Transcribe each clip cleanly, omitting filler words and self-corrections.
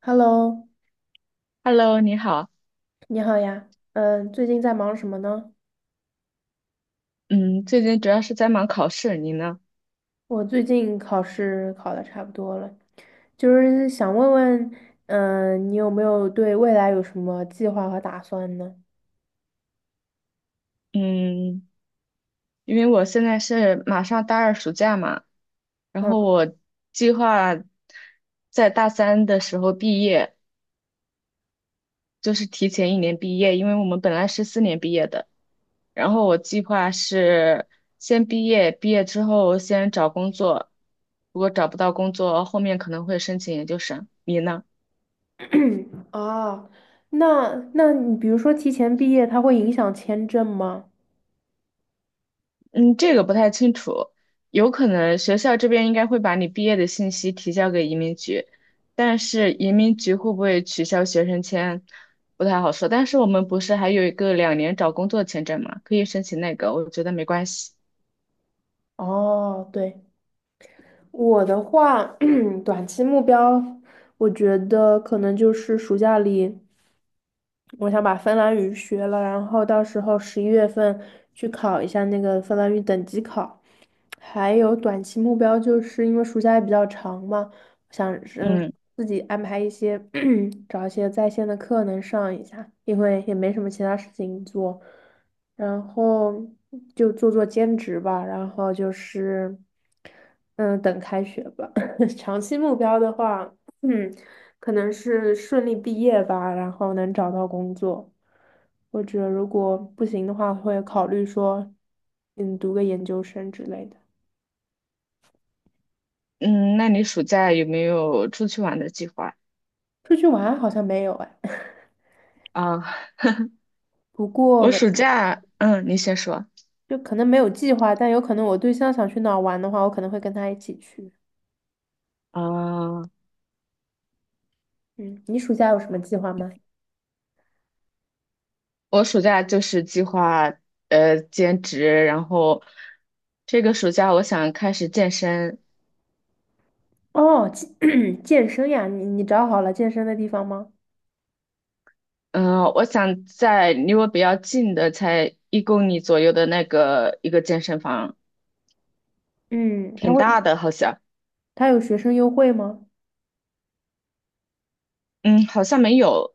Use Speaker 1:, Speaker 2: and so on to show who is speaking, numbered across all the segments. Speaker 1: Hello，
Speaker 2: Hello，你好。
Speaker 1: 你好呀。最近在忙什么呢？
Speaker 2: 嗯，最近主要是在忙考试，你呢？
Speaker 1: 我最近考试考的差不多了，就是想问问，你有没有对未来有什么计划和打算呢？
Speaker 2: 嗯，因为我现在是马上大二暑假嘛，然
Speaker 1: 嗯，
Speaker 2: 后我计划在大三的时候毕业，就是提前一年毕业，因为我们本来是4年毕业的。然后我计划是先毕业，毕业之后先找工作，如果找不到工作，后面可能会申请研究生。你呢？
Speaker 1: 啊，那你比如说提前毕业，它会影响签证吗？
Speaker 2: 嗯，这个不太清楚，有可能学校这边应该会把你毕业的信息提交给移民局，但是移民局会不会取消学生签，不太好说。但是我们不是还有一个2年找工作签证嘛，可以申请那个，我觉得没关系。
Speaker 1: 哦，对，我的话，短期目标，我觉得可能就是暑假里。我想把芬兰语学了，然后到时候11月份去考一下那个芬兰语等级考。还有短期目标，就是因为暑假也比较长嘛，
Speaker 2: 嗯
Speaker 1: 自己安排一些，找一些在线的课能上一下，因为也没什么其他事情做，然后就做做兼职吧，然后就是，嗯，等开学吧。长期目标的话，嗯，可能是顺利毕业吧，然后能找到工作，或者如果不行的话，会考虑说，读个研究生之类的。
Speaker 2: 嗯，那你暑假有没有出去玩的计划
Speaker 1: 出去玩好像没有哎。
Speaker 2: 啊？
Speaker 1: 不过，
Speaker 2: 我暑假，嗯，你先说。
Speaker 1: 就可能没有计划，但有可能我对象想去哪儿玩的话，我可能会跟他一起去。
Speaker 2: 啊，
Speaker 1: 嗯，你暑假有什么计划吗？
Speaker 2: 我暑假就是计划兼职，然后这个暑假我想开始健身，
Speaker 1: 哦，健身呀，你找好了健身的地方吗？
Speaker 2: 嗯，我想在离我比较近的，才1公里左右的那个一个健身房，
Speaker 1: 嗯，
Speaker 2: 挺大的，好像，
Speaker 1: 他有学生优惠吗？
Speaker 2: 嗯，好像没有，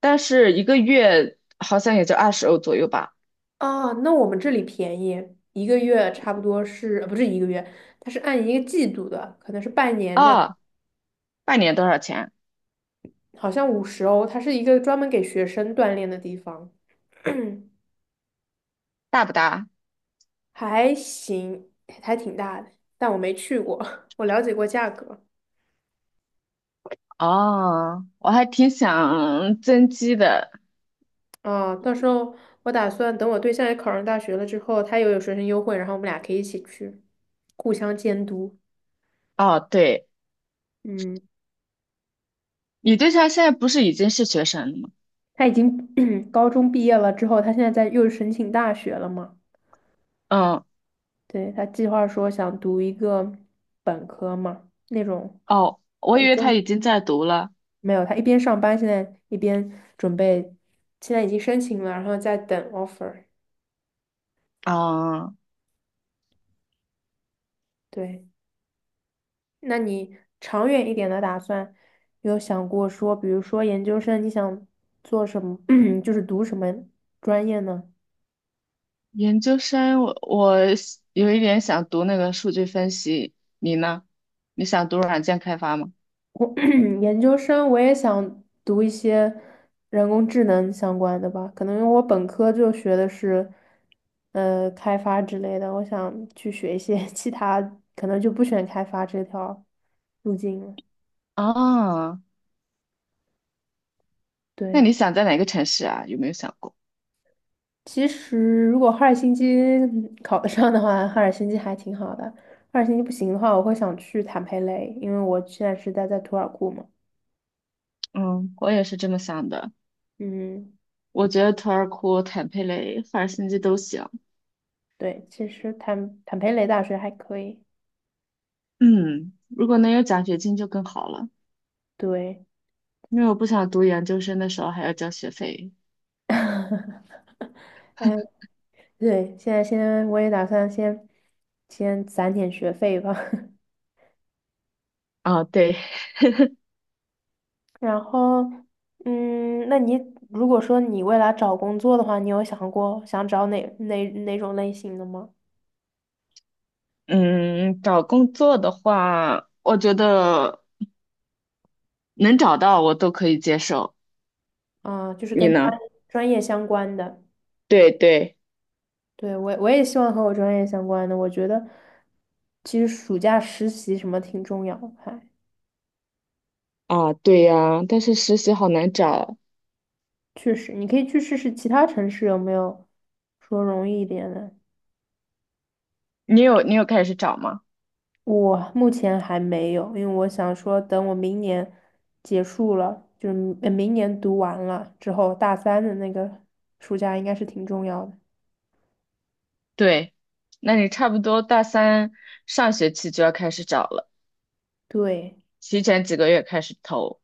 Speaker 2: 但是一个月好像也就20欧左右吧。
Speaker 1: 啊，那我们这里便宜，一个月差不多是，不是一个月，他是按一个季度的，可能是半年这样，
Speaker 2: 啊，半年多少钱？
Speaker 1: 好像50欧，他是一个专门给学生锻炼的地方，
Speaker 2: 大不大？
Speaker 1: 还行，还挺大的，但我没去过，我了解过价格。
Speaker 2: 哦，我还挺想增肌的。
Speaker 1: 啊，到时候我打算等我对象也考上大学了之后，他又有学生优惠，然后我们俩可以一起去，互相监督。
Speaker 2: 哦，对，
Speaker 1: 嗯，
Speaker 2: 你对象现在不是已经是学生了吗？
Speaker 1: 他已经 高中毕业了之后，他现在在又申请大学了嘛？
Speaker 2: 嗯，
Speaker 1: 对，他计划说想读一个本科嘛，那种
Speaker 2: 哦，我
Speaker 1: 他一
Speaker 2: 以为他
Speaker 1: 边
Speaker 2: 已经在读了。
Speaker 1: 没有，他一边上班，现在一边准备，现在已经申请了，然后在等 offer。
Speaker 2: 哦，
Speaker 1: 对。那你长远一点的打算，有想过说，比如说研究生，你想做什么，就是读什么专业呢？
Speaker 2: 研究生，我是有一点想读那个数据分析，你呢？你想读软件开发吗？
Speaker 1: 我 研究生我也想读一些人工智能相关的吧，可能因为我本科就学的是开发之类的，我想去学一些 其他，可能就不选开发这条路径了。
Speaker 2: 啊，那你
Speaker 1: 对。
Speaker 2: 想在哪个城市啊？有没有想过？
Speaker 1: 其实，如果哈尔辛基考得上的话，哈尔辛基还挺好的。哈尔辛基不行的话，我会想去坦佩雷，因为我现在是待在图尔库嘛。
Speaker 2: 嗯，我也是这么想的。
Speaker 1: 嗯，
Speaker 2: 我觉得图尔库、坦佩雷、赫尔辛基都行。
Speaker 1: 对，其实坦佩雷大学还可以。
Speaker 2: 嗯，如果能有奖学金就更好了，
Speaker 1: 对，
Speaker 2: 因为我不想读研究生的时候还要交学费。
Speaker 1: 哎，对，现在先我也打算先攒点学费吧。
Speaker 2: 啊，对，
Speaker 1: 然后，那你如果说你未来找工作的话，你有想过想找哪种类型的吗？
Speaker 2: 嗯，找工作的话，我觉得能找到我都可以接受。
Speaker 1: 啊，就是
Speaker 2: 你
Speaker 1: 跟专
Speaker 2: 呢？
Speaker 1: 专业相关的。
Speaker 2: 对对。
Speaker 1: 对，我也希望和我专业相关的。我觉得其实暑假实习什么挺重要的，
Speaker 2: 啊，对呀，但是实习好难找。
Speaker 1: 确实，你可以去试试其他城市有没有说容易一点的。
Speaker 2: 你有开始找吗？
Speaker 1: 我目前还没有，因为我想说等我明年结束了，就是明年读完了之后，大三的那个暑假应该是挺重要的。
Speaker 2: 对，那你差不多大三上学期就要开始找了，
Speaker 1: 对
Speaker 2: 提前几个月开始投。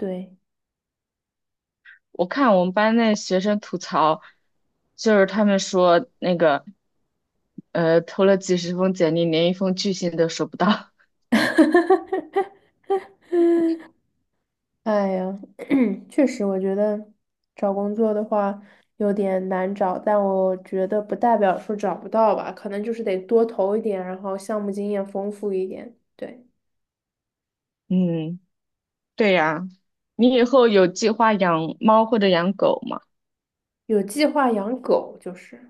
Speaker 1: 对。
Speaker 2: 我看我们班那学生吐槽，就是他们说那个，投了几十封简历，连一封拒信都收不到。
Speaker 1: 哎呀，确实，我觉得找工作的话有点难找，但我觉得不代表说找不到吧，可能就是得多投一点，然后项目经验丰富一点。对，
Speaker 2: 嗯，对呀，你以后有计划养猫或者养狗吗？
Speaker 1: 有计划养狗，就是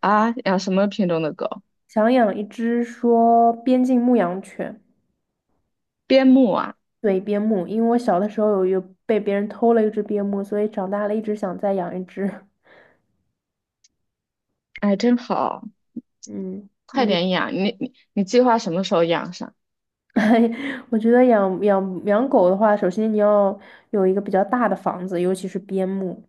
Speaker 2: 啊，养什么品种的狗？
Speaker 1: 想养一只说边境牧羊犬，
Speaker 2: 边牧啊，
Speaker 1: 对，边牧，因为我小的时候有被别人偷了一只边牧，所以长大了一直想再养一只。
Speaker 2: 哎，真好。
Speaker 1: 嗯。
Speaker 2: 快点养，你计划什么时候养上？
Speaker 1: 我觉得养狗的话，首先你要有一个比较大的房子，尤其是边牧。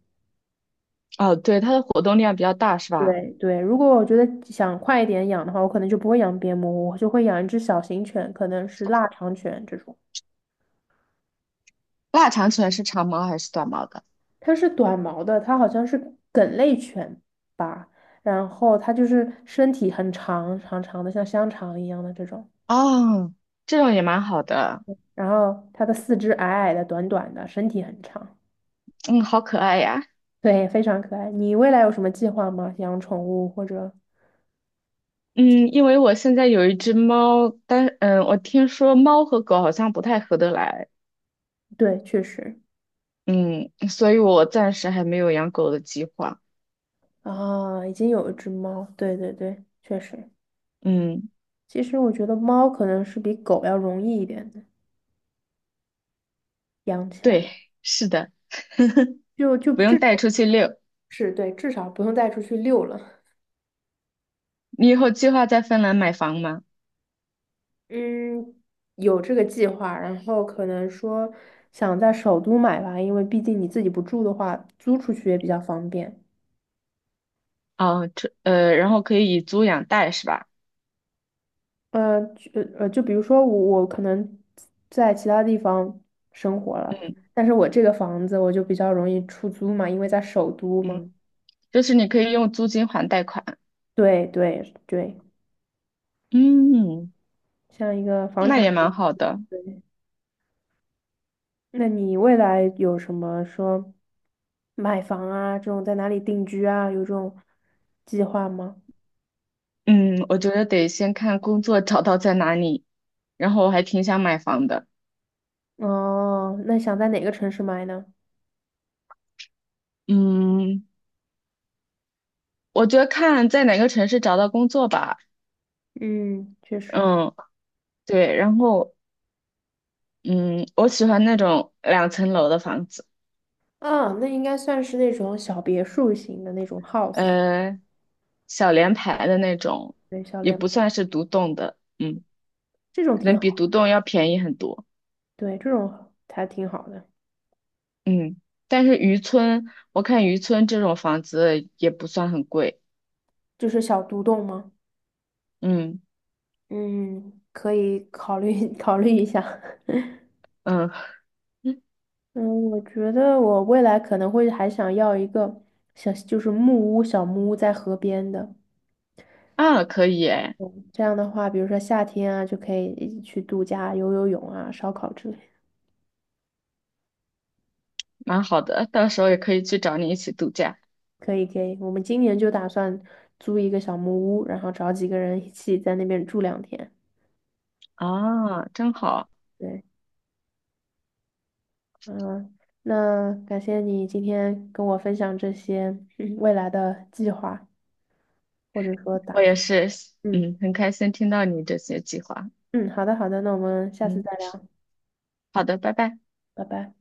Speaker 2: 哦，对，它的活动量比较大是吧？
Speaker 1: 对对，如果我觉得想快一点养的话，我可能就不会养边牧，我就会养一只小型犬，可能是腊肠犬这种。
Speaker 2: 腊肠犬是长毛还是短毛的？
Speaker 1: 它是短毛的，它好像是梗类犬吧，然后它就是身体很长长长的，像香肠一样的这种，
Speaker 2: 哦，这种也蛮好的，
Speaker 1: 然后它的四肢矮矮的、短短的，身体很长，
Speaker 2: 嗯，好可爱呀。
Speaker 1: 对，非常可爱。你未来有什么计划吗？养宠物或者？
Speaker 2: 嗯，因为我现在有一只猫，但我听说猫和狗好像不太合得来，
Speaker 1: 对，确实
Speaker 2: 嗯，所以我暂时还没有养狗的计划。
Speaker 1: 啊，已经有一只猫，对对对，确实。
Speaker 2: 嗯，
Speaker 1: 其实我觉得猫可能是比狗要容易一点的养起来，
Speaker 2: 对，是的，
Speaker 1: 就
Speaker 2: 不
Speaker 1: 至
Speaker 2: 用带
Speaker 1: 少
Speaker 2: 出去遛。
Speaker 1: 是对，至少不用带出去遛了。
Speaker 2: 你以后计划在芬兰买房吗？
Speaker 1: 嗯，有这个计划，然后可能说想在首都买吧，因为毕竟你自己不住的话，租出去也比较方便。
Speaker 2: 哦，这然后可以以租养贷是吧？
Speaker 1: 呃，就就比如说我可能在其他地方生活了，
Speaker 2: 嗯
Speaker 1: 但是我这个房子我就比较容易出租嘛，因为在首都嘛。
Speaker 2: 嗯。就是你可以用租金还贷款。
Speaker 1: 对对对，
Speaker 2: 嗯，
Speaker 1: 像一个房
Speaker 2: 那
Speaker 1: 产
Speaker 2: 也
Speaker 1: 投
Speaker 2: 蛮
Speaker 1: 资
Speaker 2: 好的。
Speaker 1: 对，那你未来有什么说买房啊，这种在哪里定居啊，有这种计划吗？
Speaker 2: 嗯，我觉得得先看工作找到在哪里，然后我还挺想买房的。
Speaker 1: 哦，那想在哪个城市买呢？
Speaker 2: 嗯，我觉得看在哪个城市找到工作吧。
Speaker 1: 嗯，确实。
Speaker 2: 嗯，对，然后嗯，我喜欢那种2层楼的房子，
Speaker 1: 啊，那应该算是那种小别墅型的那种 house，
Speaker 2: 呃，小联排的那种，
Speaker 1: 对，小
Speaker 2: 也
Speaker 1: 联
Speaker 2: 不
Speaker 1: 排
Speaker 2: 算是独栋的，嗯，
Speaker 1: 这种
Speaker 2: 可
Speaker 1: 挺
Speaker 2: 能
Speaker 1: 好，
Speaker 2: 比独栋要便宜很多。
Speaker 1: 对，这种还挺好的，
Speaker 2: 嗯，但是渔村，我看渔村这种房子也不算很贵。
Speaker 1: 就是小独栋吗？
Speaker 2: 嗯
Speaker 1: 嗯，可以考虑 考虑一下。
Speaker 2: 嗯嗯
Speaker 1: 嗯，我觉得我未来可能会还想要一个小，就是木屋、小木屋在河边的。
Speaker 2: 啊，可以哎，
Speaker 1: 嗯这样的话，比如说夏天啊，就可以去度假、游游泳啊、烧烤之类。
Speaker 2: 蛮好的，到时候也可以去找你一起度假
Speaker 1: 可以，可以。我们今年就打算租一个小木屋，然后找几个人一起在那边住2天。
Speaker 2: 啊，真好。
Speaker 1: 对，嗯，那感谢你今天跟我分享这些未来的计划，或者说
Speaker 2: 我
Speaker 1: 打
Speaker 2: 也
Speaker 1: 算。
Speaker 2: 是，
Speaker 1: 嗯
Speaker 2: 嗯，很开心听到你这些计划。
Speaker 1: 嗯，好的，好的，那我们下次
Speaker 2: 嗯，
Speaker 1: 再聊，
Speaker 2: 好的，拜拜。
Speaker 1: 拜拜。